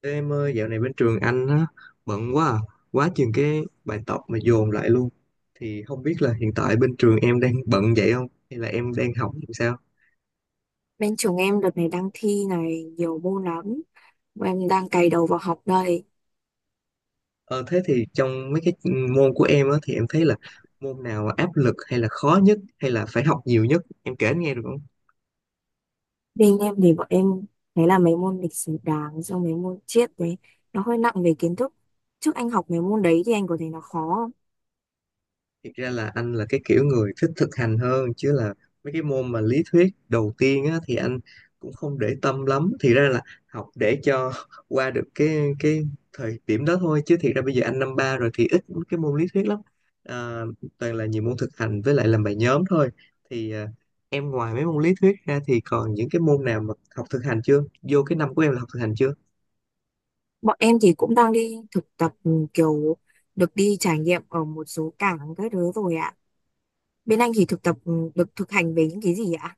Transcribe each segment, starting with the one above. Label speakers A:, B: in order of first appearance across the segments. A: Ê em ơi, dạo này bên trường anh á, bận quá à, quá chừng cái bài tập mà dồn lại luôn. Thì không biết là hiện tại bên trường em đang bận vậy không? Hay là em đang học làm sao?
B: Bên trường em đợt này đang thi này nhiều môn lắm. Bọn em đang cày đầu vào học đây.
A: Ờ, thế thì trong mấy cái môn của em á, thì em thấy là môn nào áp lực hay là khó nhất hay là phải học nhiều nhất? Em kể anh nghe được không?
B: Bên em thì bọn em thấy là mấy môn lịch sử Đảng xong mấy môn triết đấy nó hơi nặng về kiến thức. Trước anh học mấy môn đấy thì anh có thấy nó khó không?
A: Thực ra là anh là cái kiểu người thích thực hành hơn chứ là mấy cái môn mà lý thuyết đầu tiên á, thì anh cũng không để tâm lắm. Thì ra là học để cho qua được cái thời điểm đó thôi chứ thiệt ra bây giờ anh năm ba rồi thì ít cái môn lý thuyết lắm. À, toàn là nhiều môn thực hành với lại làm bài nhóm thôi. Thì à, em ngoài mấy môn lý thuyết ra thì còn những cái môn nào mà học thực hành chưa? Vô cái năm của em là học thực hành chưa?
B: Bọn em thì cũng đang đi thực tập, ừ, kiểu được đi trải nghiệm ở một số cảng các thứ rồi ạ. Bên anh thì thực tập được thực hành về những cái gì ạ?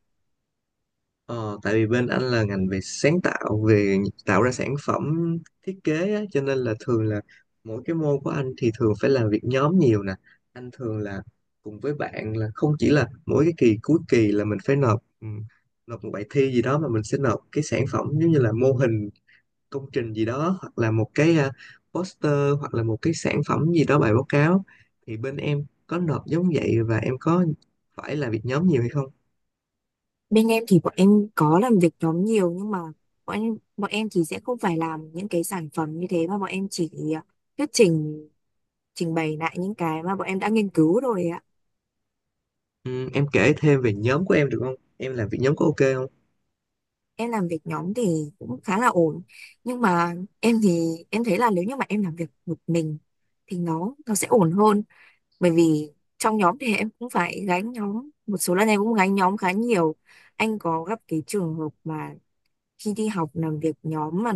A: Ờ, tại vì bên anh là ngành về sáng tạo, về tạo ra sản phẩm thiết kế á, cho nên là thường là mỗi cái môn của anh thì thường phải làm việc nhóm nhiều nè, anh thường là cùng với bạn, là không chỉ là mỗi cái kỳ cuối kỳ là mình phải nộp ừ, nộp một bài thi gì đó, mà mình sẽ nộp cái sản phẩm giống như là mô hình công trình gì đó, hoặc là một cái à, poster hoặc là một cái sản phẩm gì đó, bài báo cáo. Thì bên em có nộp giống vậy và em có phải làm việc nhóm nhiều hay không?
B: Bên em thì bọn em có làm việc nhóm nhiều nhưng mà bọn em thì sẽ không phải làm những cái sản phẩm như thế mà bọn em chỉ thuyết trình, trình bày lại những cái mà bọn em đã nghiên cứu rồi ạ.
A: Ừ, em kể thêm về nhóm của em được không? Em làm việc nhóm có ok không?
B: Em làm việc nhóm thì cũng khá là ổn, nhưng mà em thì em thấy là nếu như mà em làm việc một mình thì nó sẽ ổn hơn, bởi vì trong nhóm thì em cũng phải gánh nhóm, một số lần em cũng gánh nhóm khá nhiều. Anh có gặp cái trường hợp mà khi đi học làm việc nhóm mà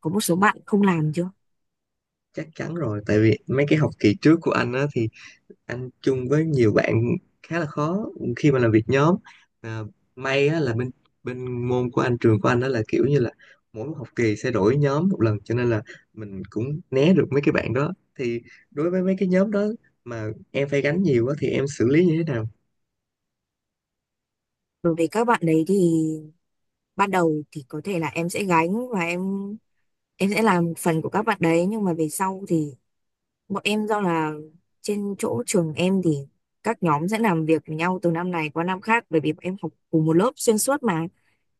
B: có một số bạn không làm chưa?
A: Chắc chắn rồi, tại vì mấy cái học kỳ trước của anh á thì anh chung với nhiều bạn khá là khó khi mà làm việc nhóm. À, may á là bên bên môn của anh, trường của anh, đó là kiểu như là mỗi một học kỳ sẽ đổi nhóm một lần, cho nên là mình cũng né được mấy cái bạn đó. Thì đối với mấy cái nhóm đó mà em phải gánh nhiều á thì em xử lý như thế nào?
B: Đối với các bạn đấy thì ban đầu thì có thể là em sẽ gánh và em sẽ làm một phần của các bạn đấy, nhưng mà về sau thì bọn em do là trên chỗ trường em thì các nhóm sẽ làm việc với nhau từ năm này qua năm khác, bởi vì bọn em học cùng một lớp xuyên suốt mà,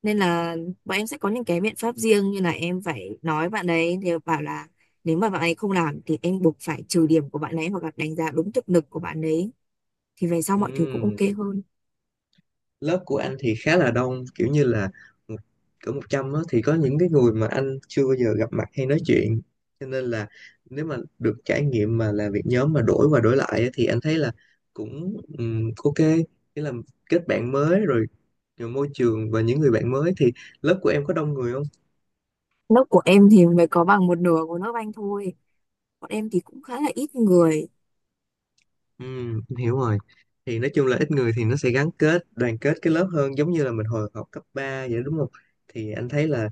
B: nên là bọn em sẽ có những cái biện pháp riêng, như là em phải nói bạn đấy thì bảo là nếu mà bạn ấy không làm thì em buộc phải trừ điểm của bạn ấy hoặc là đánh giá đúng thực lực của bạn ấy, thì về sau
A: Ừ.
B: mọi thứ cũng ok hơn.
A: Lớp của anh thì khá là đông, kiểu như là một- cỡ 100 á thì có những cái người mà anh chưa bao giờ gặp mặt hay nói chuyện, cho nên là nếu mà được trải nghiệm mà làm việc nhóm mà đổi qua đổi lại á, thì anh thấy là cũng ok, nghĩa là kết bạn mới rồi, rồi môi trường và những người bạn mới. Thì lớp của em có đông người không?
B: Lớp của em thì mới có bằng một nửa của lớp anh thôi, bọn em thì cũng khá là ít người.
A: Ừ, em hiểu rồi. Thì nói chung là ít người thì nó sẽ gắn kết, đoàn kết cái lớp hơn, giống như là mình hồi học cấp 3 vậy đúng không? Thì anh thấy là,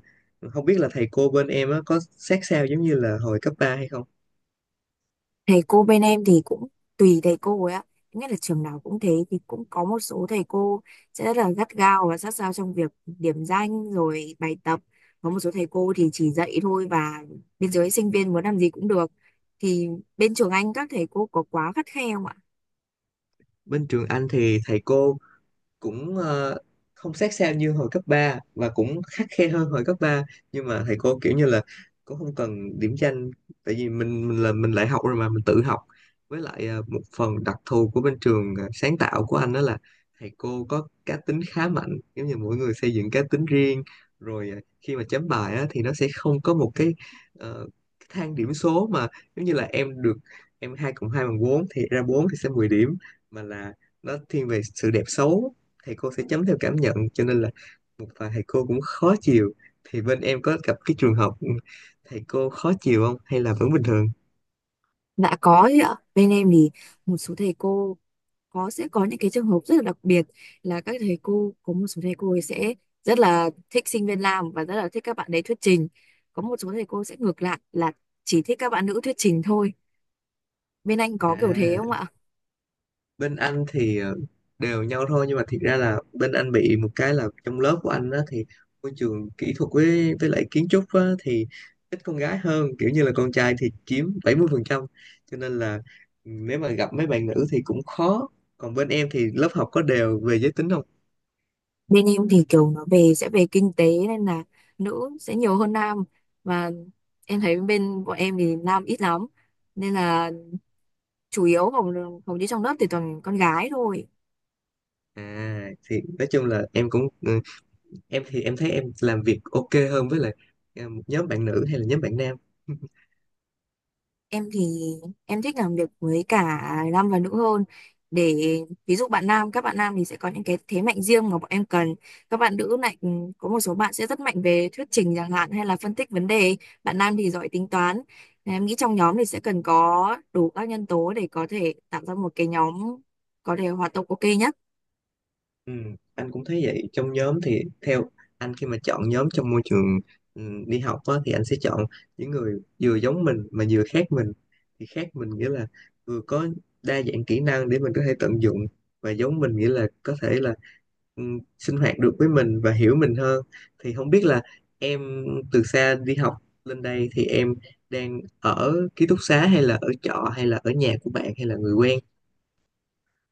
A: không biết là thầy cô bên em á, có sát sao giống như là hồi cấp 3 hay không?
B: Thầy cô bên em thì cũng tùy thầy cô ấy ạ, nghĩa là trường nào cũng thế, thì cũng có một số thầy cô sẽ rất là gắt gao và sát sao trong việc điểm danh rồi bài tập, có một số thầy cô thì chỉ dạy thôi và bên dưới sinh viên muốn làm gì cũng được. Thì bên trường anh các thầy cô có quá khắt khe không ạ?
A: Bên trường anh thì thầy cô cũng không sát sao như hồi cấp 3 và cũng khắt khe hơn hồi cấp ba, nhưng mà thầy cô kiểu như là cũng không cần điểm danh, tại vì mình là mình lại học rồi mà mình tự học, với lại ờ, một phần đặc thù của bên trường ờ, sáng tạo của anh đó là thầy cô có cá tính khá mạnh, giống như mỗi người xây dựng cá tính riêng, rồi ờ, khi mà chấm bài á, thì nó sẽ không có một cái ờ, cái thang điểm số, mà giống như là em được, em 2 cộng 2 bằng 4 thì ra 4 thì sẽ 10 điểm, mà là nó thiên về sự đẹp xấu, thầy cô sẽ chấm theo cảm nhận, cho nên là một vài thầy cô cũng khó chịu. Thì bên em có gặp cái trường hợp thầy cô khó chịu không, hay là vẫn bình thường?
B: Dạ có chứ ạ, bên em thì một số thầy cô có, sẽ có những cái trường hợp rất là đặc biệt, là các thầy cô có một số thầy cô ấy sẽ rất là thích sinh viên nam và rất là thích các bạn đấy thuyết trình, có một số thầy cô sẽ ngược lại là chỉ thích các bạn nữ thuyết trình thôi. Bên anh có kiểu thế không
A: À,
B: ạ?
A: bên anh thì ờ, đều nhau thôi, nhưng mà thiệt ra là bên anh bị một cái là trong lớp của anh á thì môi trường kỹ thuật với lại kiến trúc á, thì ít con gái hơn, kiểu như là con trai thì chiếm 70%, cho nên là ừ, nếu mà gặp mấy bạn nữ thì cũng khó. Còn bên em thì lớp học có đều về giới tính không?
B: Bên em thì kiểu nó về sẽ về kinh tế nên là nữ sẽ nhiều hơn nam, và em thấy bên bọn em thì nam ít lắm, nên là chủ yếu hầu hầu như trong lớp thì toàn con gái thôi.
A: À thì nói chung là em cũng ừ, em thì em thấy em làm việc ok hơn với lại à, một nhóm bạn nữ hay là nhóm bạn nam?
B: Em thì em thích làm việc với cả nam và nữ hơn, để ví dụ bạn nam, các bạn nam thì sẽ có những cái thế mạnh riêng mà bọn em cần, các bạn nữ lại có một số bạn sẽ rất mạnh về thuyết trình chẳng hạn hay là phân tích vấn đề, bạn nam thì giỏi tính toán. Nên em nghĩ trong nhóm thì sẽ cần có đủ các nhân tố để có thể tạo ra một cái nhóm có thể hoạt động ok nhé.
A: Ừ, anh cũng thấy vậy. Trong nhóm thì theo anh, khi mà chọn nhóm trong môi trường ừ, đi học á, thì anh sẽ chọn những người vừa giống mình mà vừa khác mình. Thì khác mình nghĩa là vừa có đa dạng kỹ năng để mình có thể tận dụng, và giống mình nghĩa là có thể là ừ, sinh hoạt được với mình và hiểu mình hơn. Thì không biết là em từ xa đi học lên đây thì em đang ở ký túc xá hay là ở trọ hay là ở nhà của bạn hay là người quen?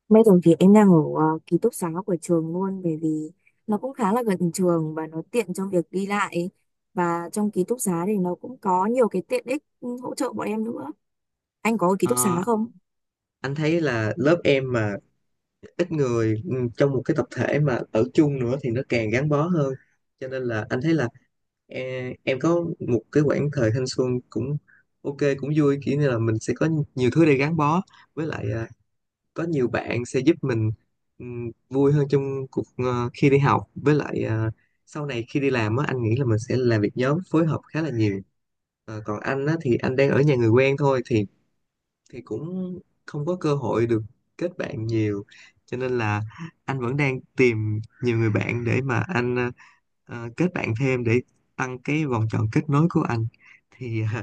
B: Bây giờ thì em đang ở ký túc xá của trường luôn, bởi vì nó cũng khá là gần trường và nó tiện trong việc đi lại, và trong ký túc xá thì nó cũng có nhiều cái tiện ích hỗ trợ bọn em nữa. Anh có ở ký túc xá
A: Ờ,
B: không?
A: anh thấy là lớp em mà ít người, ừ, trong một cái tập thể mà ở chung nữa thì nó càng gắn bó hơn, cho nên là anh thấy là em có một cái quãng thời thanh xuân cũng ok, cũng vui, kiểu như là mình sẽ có nhiều thứ để gắn bó, với lại à, có nhiều bạn sẽ giúp mình vui hơn trong cuộc ờ, khi đi học, với lại à, sau này khi đi làm á, anh nghĩ là mình sẽ làm việc nhóm phối hợp khá là nhiều. Ờ, còn anh á thì anh đang ở nhà người quen thôi, thì cũng không có cơ hội được kết bạn nhiều, cho nên là anh vẫn đang tìm nhiều người bạn để mà anh ờ, ờ, kết bạn thêm để tăng cái vòng tròn kết nối của anh. Thì ờ,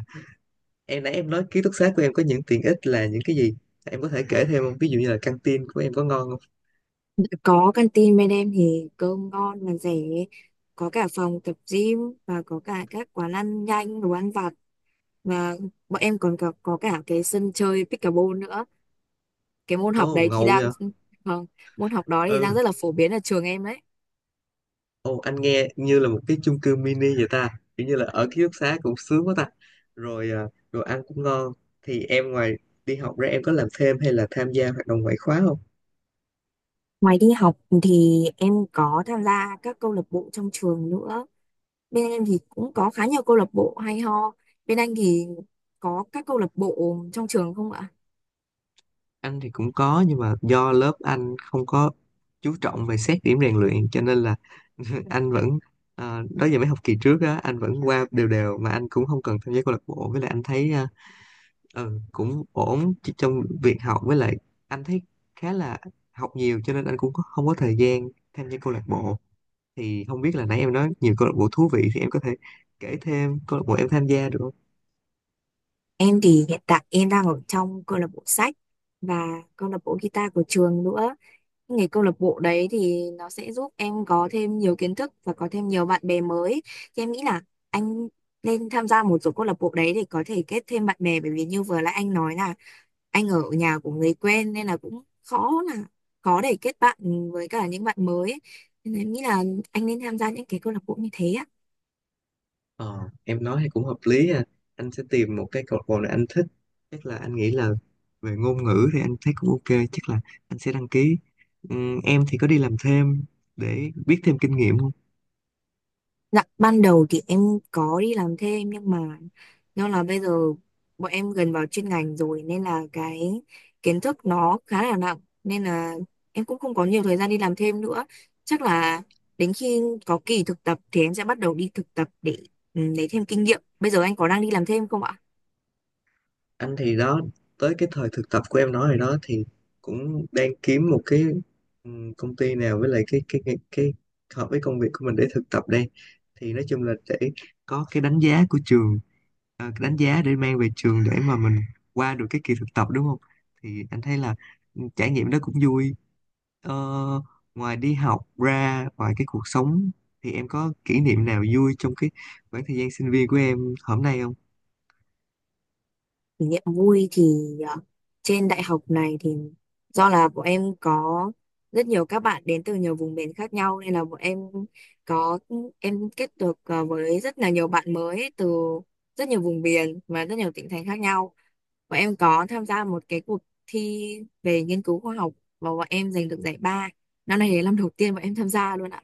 A: em nãy em nói ký túc xá của em có những tiện ích là những cái gì, em có thể kể thêm không? Ví dụ như là căng tin của em có ngon không?
B: Có canteen bên em thì cơm ngon mà rẻ, có cả phòng tập gym và có cả các quán ăn nhanh, đồ ăn vặt, và bọn em còn có cả cái sân chơi pickleball nữa. Cái môn học
A: Ồ
B: đấy thì
A: ngầu
B: đang,
A: vậy.
B: không, môn học đó thì đang
A: Ừ.
B: rất là phổ biến ở trường em đấy.
A: Ồ, anh nghe như là một cái chung cư mini vậy ta, kiểu như là ở ký túc xá cũng sướng quá ta, rồi à, rồi ăn cũng ngon. Thì em ngoài đi học ra em có làm thêm hay là tham gia hoạt động ngoại khóa không?
B: Ngoài đi học thì em có tham gia các câu lạc bộ trong trường nữa. Bên em thì cũng có khá nhiều câu lạc bộ hay ho. Bên anh thì có các câu lạc bộ trong trường không ạ?
A: Anh thì cũng có, nhưng mà do lớp anh không có chú trọng về xét điểm rèn luyện, cho nên là anh vẫn à, đó giờ mấy học kỳ trước á anh vẫn qua đều đều, mà anh cũng không cần tham gia câu lạc bộ. Với lại anh thấy à, ừ, cũng ổn chứ trong việc học, với lại anh thấy khá là học nhiều, cho nên anh cũng không có thời gian tham gia câu lạc bộ. Thì không biết là nãy em nói nhiều câu lạc bộ thú vị, thì em có thể kể thêm câu lạc bộ em tham gia được không?
B: Em thì hiện tại em đang ở trong câu lạc bộ sách và câu lạc bộ guitar của trường nữa. Nghề câu lạc bộ đấy thì nó sẽ giúp em có thêm nhiều kiến thức và có thêm nhiều bạn bè mới. Thì em nghĩ là anh nên tham gia một số câu lạc bộ đấy để có thể kết thêm bạn bè, bởi vì như vừa nãy anh nói là anh ở nhà của người quen nên là cũng khó, là khó để kết bạn với cả những bạn mới ấy. Nên là em nghĩ là anh nên tham gia những cái câu lạc bộ như thế ạ.
A: Ờ, em nói thì cũng hợp lý à. Anh sẽ tìm một cái câu lạc bộ này anh thích. Chắc là anh nghĩ là về ngôn ngữ thì anh thấy cũng ok. Chắc là anh sẽ đăng ký. Em thì có đi làm thêm để biết thêm kinh nghiệm?
B: Dạ, ban đầu thì em có đi làm thêm nhưng mà do là bây giờ bọn em gần vào chuyên ngành rồi nên là cái kiến thức nó khá là nặng, nên là em cũng không có nhiều thời gian đi làm thêm nữa. Chắc là đến khi có kỳ thực tập thì em sẽ bắt đầu đi thực tập để lấy thêm kinh nghiệm. Bây giờ anh có đang đi làm thêm không ạ?
A: Anh thì đó, tới cái thời thực tập của em nói rồi đó, thì cũng đang kiếm một cái công ty nào với lại cái hợp với công việc của mình để thực tập đây. Thì nói chung là để có cái đánh giá của trường, à, cái đánh giá để mang về trường để mà mình qua được cái kỳ thực tập đúng không. Thì anh thấy là ừ, trải nghiệm đó cũng vui. Ờ, ngoài đi học ra, ngoài cái cuộc sống, thì em có kỷ niệm nào vui trong cái khoảng thời gian sinh viên của em hôm nay không?
B: Kỷ niệm vui thì ờ, trên đại học này thì do là bọn em có rất nhiều các bạn đến từ nhiều vùng miền khác nhau, nên là bọn em có, em kết được với rất là nhiều bạn mới từ rất nhiều vùng miền và rất nhiều tỉnh thành khác nhau. Bọn em có tham gia một cái cuộc thi về nghiên cứu khoa học và bọn em giành được giải ba. Năm nay là năm đầu tiên bọn em tham gia luôn ạ.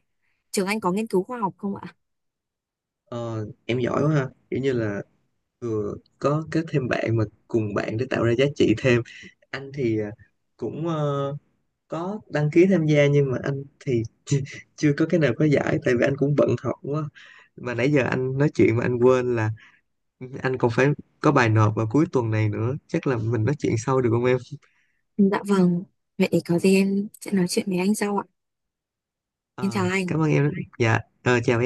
B: Trường anh có nghiên cứu khoa học không ạ?
A: Ờ, em giỏi quá ha, kiểu như là vừa có kết thêm bạn mà cùng bạn để tạo ra giá trị thêm. Anh thì à, cũng ờ, có đăng ký tham gia nhưng mà anh thì chưa, chưa có cái nào có giải, tại vì anh cũng bận học quá. Mà nãy giờ anh nói chuyện mà anh quên là anh còn phải có bài nộp vào cuối tuần này nữa, chắc là mình nói chuyện sau được không em?
B: Dạ vâng. Vậy có gì em sẽ nói chuyện với anh sau ạ. Em chào
A: Ờ, cảm ơn
B: anh.
A: em. Dạ ờ, chào em.